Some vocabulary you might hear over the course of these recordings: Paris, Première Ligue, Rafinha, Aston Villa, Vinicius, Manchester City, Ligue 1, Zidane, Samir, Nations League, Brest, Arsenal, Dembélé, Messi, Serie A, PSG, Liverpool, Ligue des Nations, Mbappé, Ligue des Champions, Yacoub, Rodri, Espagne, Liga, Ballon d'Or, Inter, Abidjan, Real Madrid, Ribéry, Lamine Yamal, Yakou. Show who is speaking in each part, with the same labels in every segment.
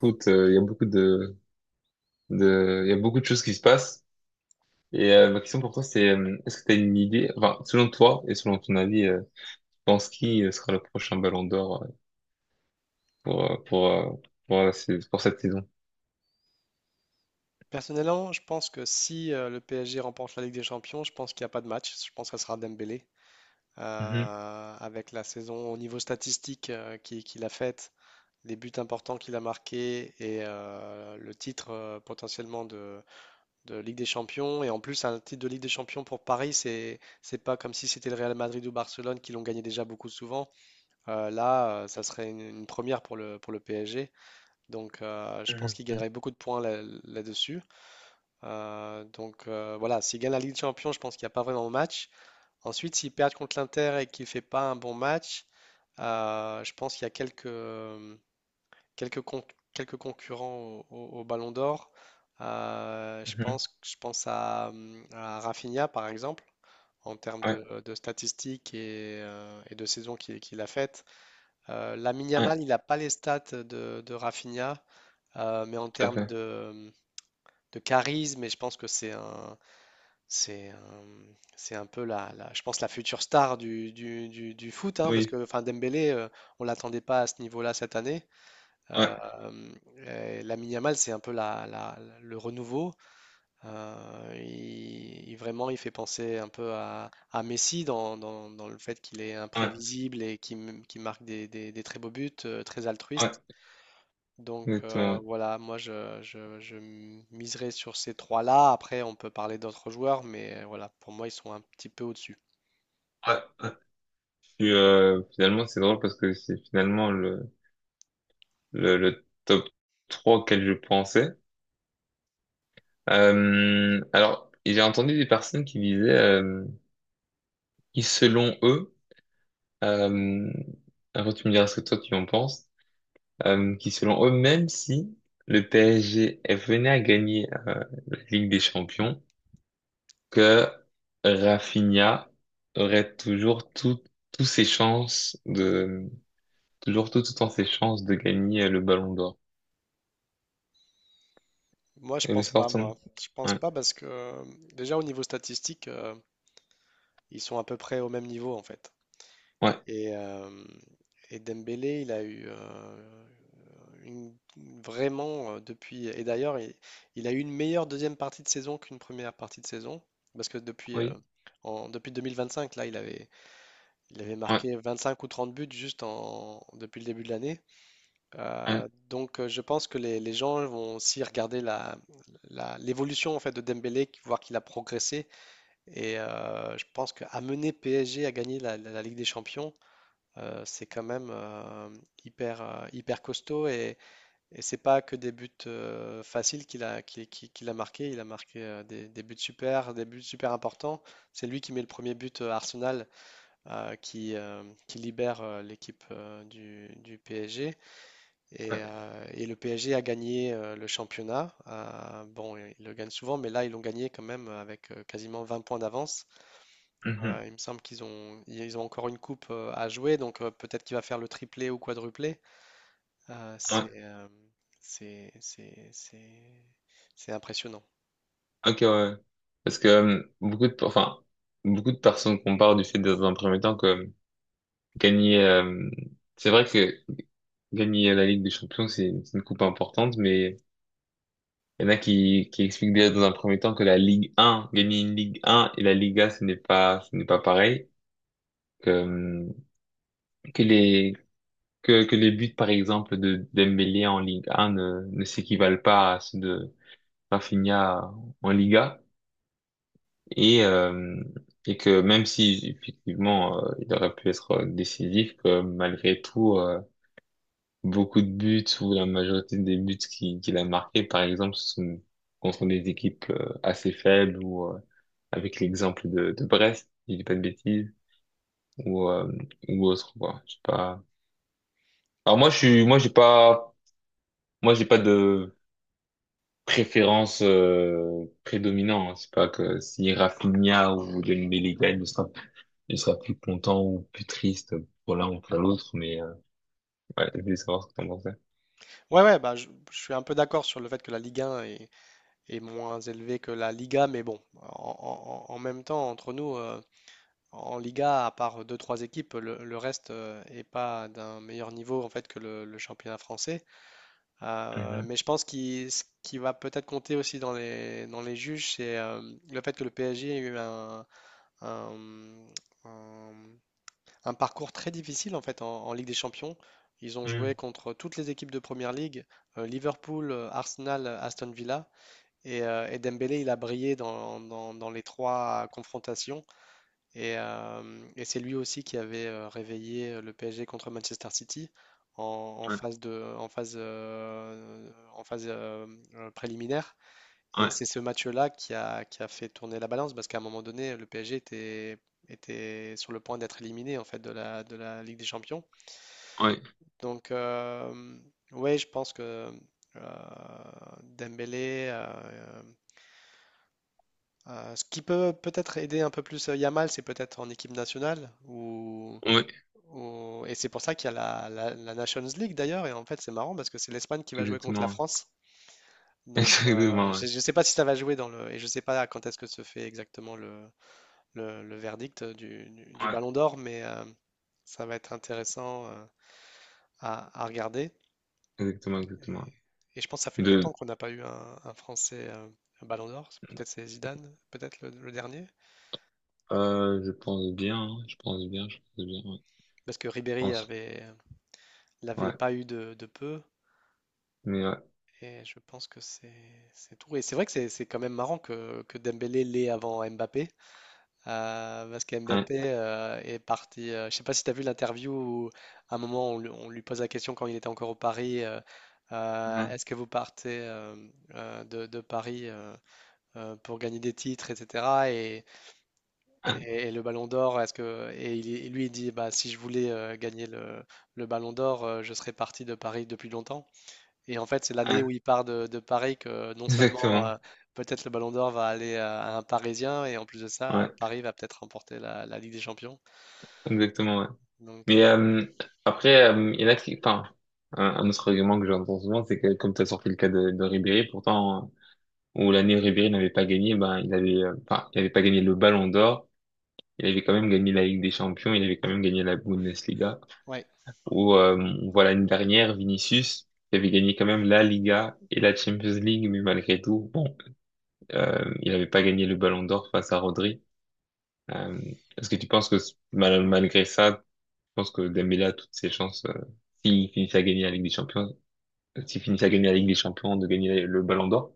Speaker 1: Écoute, il y a beaucoup de, il y a beaucoup de choses qui se passent. Et ma question pour toi, c'est est-ce que tu as une idée, enfin, selon toi et selon ton avis, tu penses qui sera le prochain Ballon d'Or pour, euh, pour, euh, pour, pour cette saison?
Speaker 2: Personnellement, je pense que si le PSG remporte la Ligue des Champions, je pense qu'il n'y a pas de match. Je pense que ça sera Dembélé.
Speaker 1: Mhm,
Speaker 2: Avec la saison au niveau statistique qu'il a faite, les buts importants qu'il a marqués et le titre potentiellement de Ligue des Champions. Et en plus, un titre de Ligue des Champions pour Paris, c'est pas comme si c'était le Real Madrid ou Barcelone qui l'ont gagné déjà beaucoup souvent. Ça serait une première pour pour le PSG. Donc, je pense qu'il
Speaker 1: mhm,
Speaker 2: gagnerait beaucoup de points là-dessus. Voilà, s'ils gagnent la Ligue des Champions, je pense qu'il n'y a pas vraiment de match. Ensuite, s'ils perdent contre l'Inter et qu'il ne fait pas un bon match, je pense qu'il y a quelques, con- quelques concurrents au Ballon d'Or.
Speaker 1: mhm.
Speaker 2: Je pense à Rafinha, par exemple, en termes
Speaker 1: Ouais,
Speaker 2: de statistiques et de saison qu'il a faite. Lamine
Speaker 1: ouais,
Speaker 2: Yamal, il n'a pas les stats de Rafinha, mais en
Speaker 1: tout à
Speaker 2: termes
Speaker 1: fait.
Speaker 2: de charisme, et je pense que C'est euh, c'est un peu je pense la future star du foot, hein, parce que
Speaker 1: Oui,
Speaker 2: enfin, Dembélé, on l'attendait pas à ce niveau-là cette année.
Speaker 1: ouais,
Speaker 2: Euh, Lamine Yamal, c'est un peu le renouveau. Vraiment, il fait penser un peu à Messi dans le fait qu'il est
Speaker 1: ouais,
Speaker 2: imprévisible et qu'il marque des très beaux buts, très
Speaker 1: ouais,
Speaker 2: altruiste. Donc euh,
Speaker 1: exactement.
Speaker 2: voilà, moi je, je, je miserai sur ces trois-là. Après, on peut parler d'autres joueurs, mais voilà, pour moi, ils sont un petit peu au-dessus.
Speaker 1: Ouais, ouais, ouais. Puis, finalement, c'est drôle parce que c'est finalement le top 3 auquel je pensais. Alors, j'ai entendu des personnes qui disaient qui selon eux, euh, après tu me diras ce que toi tu en penses, qui selon eux, même si le PSG venait à gagner la Ligue des Champions, que Rafinha aurait toujours tout, tous ses chances de, toujours tout, tout le temps ses chances de gagner le Ballon d'Or.
Speaker 2: Moi, je
Speaker 1: Et le
Speaker 2: pense pas,
Speaker 1: sortant.
Speaker 2: moi. Je pense
Speaker 1: Ouais,
Speaker 2: pas parce que déjà au niveau statistique, ils sont à peu près au même niveau en fait.
Speaker 1: ouais,
Speaker 2: Et, euh, et Dembélé, il a eu une- vraiment depuis. Et d'ailleurs, il a eu une meilleure deuxième partie de saison qu'une première partie de saison. Parce que
Speaker 1: oui,
Speaker 2: depuis 2025, il avait
Speaker 1: ouais,
Speaker 2: marqué 25 ou 30 buts juste depuis le début de l'année.
Speaker 1: ouais,
Speaker 2: Donc je pense que les gens vont aussi regarder l'évolution en fait de Dembélé, voir qu'il a progressé. Et je pense qu'amener PSG à gagner la Ligue des Champions, c'est quand même hyper costaud. Et c'est pas que des buts faciles qu'il a marqué. Il a marqué des buts super importants. C'est lui qui met le premier but à Arsenal, qui libère l'équipe du PSG. Et,
Speaker 1: ouais,
Speaker 2: euh, et le PSG a gagné le championnat. Bon, ils le gagnent souvent, mais là, ils l'ont gagné quand même avec quasiment 20 points d'avance.
Speaker 1: mhm,
Speaker 2: Il me semble ils ont encore une coupe à jouer, donc peut-être qu'il va faire le triplé ou quadruplé. Euh,
Speaker 1: ouais,
Speaker 2: c'est, euh, c'est, c'est, c'est, c'est impressionnant.
Speaker 1: ok, ouais, ouais. Parce que beaucoup de, enfin, beaucoup de personnes comparent du fait dans un premier temps que gagner, c'est vrai que gagner la Ligue des Champions, c'est une coupe importante, mais il y en a qui expliquent déjà dans un premier temps que la Ligue 1, gagner une Ligue 1 et la Liga, ce n'est pas pareil, que, euh, que les, que les buts, par exemple, de Dembélé en Ligue 1 ne, ne s'équivalent pas à ceux de Rafinha en Liga, et, euh, et que même si, effectivement, il aurait pu être décisif, que malgré tout, beaucoup de buts ou la majorité des buts qu'il a marqués, par exemple, ce sont contre des équipes assez faibles ou avec l'exemple de Brest, si je dis pas de bêtises, ou, euh, ou autre, quoi. Je sais pas. Alors moi, je suis, moi, j'ai pas de préférence prédominante. C'est pas que si Rafinha ou Dembélé gagne, je serai plus content ou plus triste pour l'un ou pour l'autre, mais ouais, je voulais savoir ce que t'en pensais.
Speaker 2: Ouais, ouais, bah, je suis un peu d'accord sur le fait que la Ligue 1 est, est moins élevé que la Liga, mais bon, en même temps, entre nous, en Liga, à part deux, trois équipes, le reste est pas d'un meilleur niveau en fait que le championnat français. Euh,
Speaker 1: Mhm.
Speaker 2: mais je pense ce qui va peut-être compter aussi dans dans les juges, c'est le fait que le PSG a eu un- un- un parcours très difficile en fait en Ligue des Champions. Ils ont
Speaker 1: Mhm.
Speaker 2: joué contre toutes les équipes de Première Ligue, Liverpool, Arsenal, Aston Villa. Et Dembélé, il a brillé dans les trois confrontations. Et, euh, et c'est lui aussi qui avait réveillé le PSG contre Manchester City en, en
Speaker 1: Ouais,
Speaker 2: phase de, en phase préliminaire. Et
Speaker 1: ouais,
Speaker 2: c'est ce match-là qui a fait tourner la balance parce qu'à un moment donné, le PSG était sur le point d'être éliminé en fait de de la Ligue des Champions.
Speaker 1: ouais,
Speaker 2: Donc, ouais, je pense que euh, Dembélé. Ce qui peut peut-être aider un peu plus Yamal, c'est peut-être en équipe nationale.
Speaker 1: ouais,
Speaker 2: Et c'est pour ça qu'il y a la Nations League d'ailleurs. Et en fait, c'est marrant parce que c'est l'Espagne qui va jouer contre la
Speaker 1: exactement.
Speaker 2: France. Donc,
Speaker 1: Exactement, ouais.
Speaker 2: je ne sais pas si ça va jouer dans le. Et je ne sais pas quand est-ce que se fait exactement le verdict du
Speaker 1: Ouais.
Speaker 2: Ballon d'Or, mais ça va être intéressant à regarder.
Speaker 1: Exactement,
Speaker 2: Et,
Speaker 1: exactement.
Speaker 2: et je pense que ça fait
Speaker 1: Ouais.
Speaker 2: longtemps
Speaker 1: De,
Speaker 2: qu'on n'a pas eu un Français un Ballon d'Or. Peut-être c'est Zidane, peut-être le dernier.
Speaker 1: je pense bien, hein, je pense bien, ouais.
Speaker 2: Parce que
Speaker 1: Je
Speaker 2: Ribéry
Speaker 1: pense,
Speaker 2: avait, Il n'avait
Speaker 1: ouais.
Speaker 2: pas eu de peu.
Speaker 1: Mais ouais.
Speaker 2: Et je pense que c'est tout. Et c'est vrai que c'est quand même marrant que Dembélé l'ait avant Mbappé. euh, parce que
Speaker 1: Hein,
Speaker 2: Mbappé euh, est parti. Je sais pas si tu as vu l'interview où, à un moment, lui on lui pose la question quand il était encore au Paris,
Speaker 1: hein,
Speaker 2: est-ce que vous partez de Paris pour gagner des titres, etc. Et,
Speaker 1: hein,
Speaker 2: et le Ballon d'Or, est-ce que. Et lui, il dit bah, si je voulais gagner le Ballon d'Or, je serais parti de Paris depuis longtemps. Et en fait, c'est l'année où
Speaker 1: hein.
Speaker 2: il part de Paris que non seulement
Speaker 1: Exactement,
Speaker 2: peut-être le Ballon d'Or va aller à un Parisien, et en plus de ça,
Speaker 1: ouais.
Speaker 2: Paris va peut-être remporter la Ligue des Champions.
Speaker 1: Exactement, ouais.
Speaker 2: Donc,
Speaker 1: Mais
Speaker 2: euh,
Speaker 1: après, il y en a qui, enfin, un autre argument que j'entends souvent, c'est que comme tu as sorti le cas de Ribéry, pourtant, où l'année où Ribéry n'avait pas gagné, ben, il avait, enfin, il avait pas gagné le Ballon d'Or, il avait quand même gagné la Ligue des Champions, il avait quand même gagné la Bundesliga.
Speaker 2: ouais.
Speaker 1: Où voilà une dernière Vinicius qui avait gagné quand même la Liga et la Champions League, mais malgré tout, bon, il n'avait pas gagné le Ballon d'Or face à Rodri. Euh, est-ce que tu penses que malgré ça tu penses que Dembélé a toutes ses chances s'il finit à gagner la Ligue des Champions s'il finit à gagner la Ligue des Champions de gagner le Ballon d'Or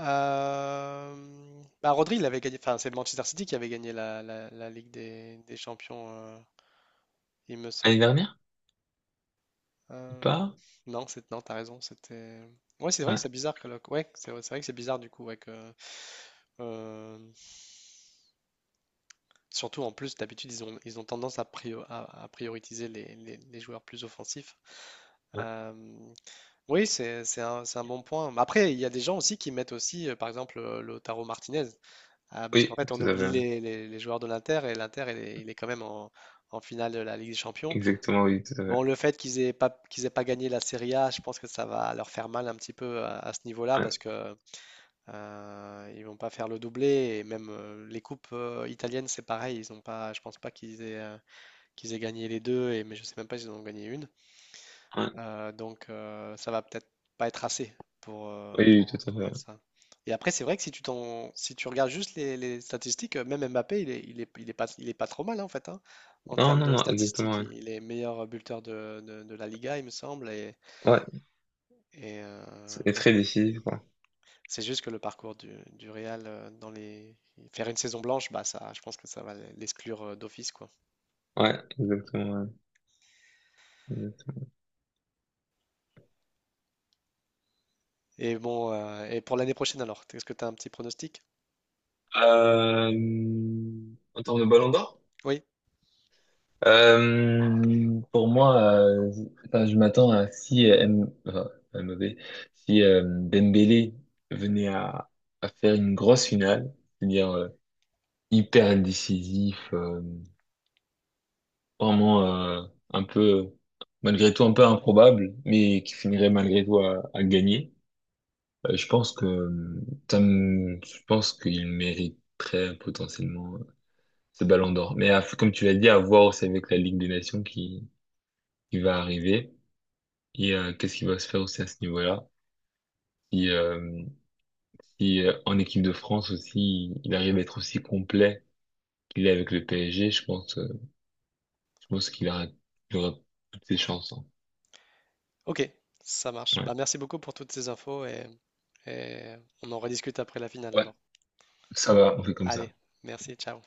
Speaker 2: Bah, Rodri, il avait gagné, enfin, c'est Manchester City qui avait gagné la Ligue des Champions, il me
Speaker 1: l'année
Speaker 2: semble.
Speaker 1: dernière ou
Speaker 2: Euh,
Speaker 1: pas?
Speaker 2: non, non, t'as raison, c'était. Ouais, c'est vrai que c'est
Speaker 1: Ouais,
Speaker 2: bizarre. Ouais, c'est vrai que c'est bizarre du coup, ouais, euh, surtout en plus, d'habitude, ils ont tendance à prioriser les joueurs plus offensifs.
Speaker 1: ouais,
Speaker 2: Euh, oui, c'est un bon point. Mais après, il y a des gens aussi qui mettent aussi, par exemple, Lautaro Martinez. Ah, parce qu'en
Speaker 1: oui,
Speaker 2: fait, on
Speaker 1: tout à fait.
Speaker 2: oublie
Speaker 1: Ouais,
Speaker 2: les joueurs de l'Inter et l'Inter, il est quand même en finale de la Ligue des Champions.
Speaker 1: exactement, oui, tout à
Speaker 2: Bon,
Speaker 1: fait,
Speaker 2: le fait qu'ils aient pas gagné la Serie A, je pense que ça va leur faire mal un petit peu à ce niveau-là
Speaker 1: ouais,
Speaker 2: parce que ils vont pas faire le doublé et même les coupes italiennes, c'est pareil. Ils ont pas, je pense pas qu'ils aient gagné les deux, et, mais je sais même pas s'ils en ont gagné une.
Speaker 1: ouais,
Speaker 2: Donc ça va peut-être pas être assez
Speaker 1: oui, oui, tout à fait,
Speaker 2: pour
Speaker 1: ouais,
Speaker 2: mettre ça. Et après, c'est vrai que si tu regardes juste les statistiques, même Mbappé, il est pas trop mal hein, en fait. Hein, en
Speaker 1: non,
Speaker 2: termes
Speaker 1: non,
Speaker 2: de
Speaker 1: non,
Speaker 2: statistiques,
Speaker 1: exactement, ouais,
Speaker 2: il est meilleur buteur de la Liga, il me semble.
Speaker 1: ouais,
Speaker 2: Et, euh,
Speaker 1: c'est très décisif quoi,
Speaker 2: C'est juste que le parcours du Real dans les faire une saison blanche, bah ça, je pense que ça va l'exclure d'office quoi.
Speaker 1: ouais, exactement, ouais. Exactement.
Speaker 2: Et bon, et pour l'année prochaine alors, est-ce que tu as un petit pronostic?
Speaker 1: Euh, en termes de Ballon d'Or?
Speaker 2: Oui,
Speaker 1: Pour moi, enfin, je m'attends à si M, enfin, MOV, si Dembélé venait à faire une grosse finale, c'est-à-dire hyper décisif, vraiment un peu malgré tout un peu improbable, mais qui finirait malgré tout à gagner. Je pense que je pense qu'il mériterait potentiellement ce Ballon d'Or. Mais comme tu l'as dit, à voir aussi avec la Ligue des Nations qui va arriver et qu'est-ce qui va se faire aussi à ce niveau-là. Si, si en équipe de France aussi, il arrive à être aussi complet qu'il est avec le PSG, je pense qu'il aura, il aura toutes ses chances, hein.
Speaker 2: ok, ça marche.
Speaker 1: Ouais.
Speaker 2: Bah merci beaucoup pour toutes ces infos et on en rediscute après la finale
Speaker 1: Ouais,
Speaker 2: alors.
Speaker 1: ça va, on fait comme ça.
Speaker 2: Allez, merci, ciao.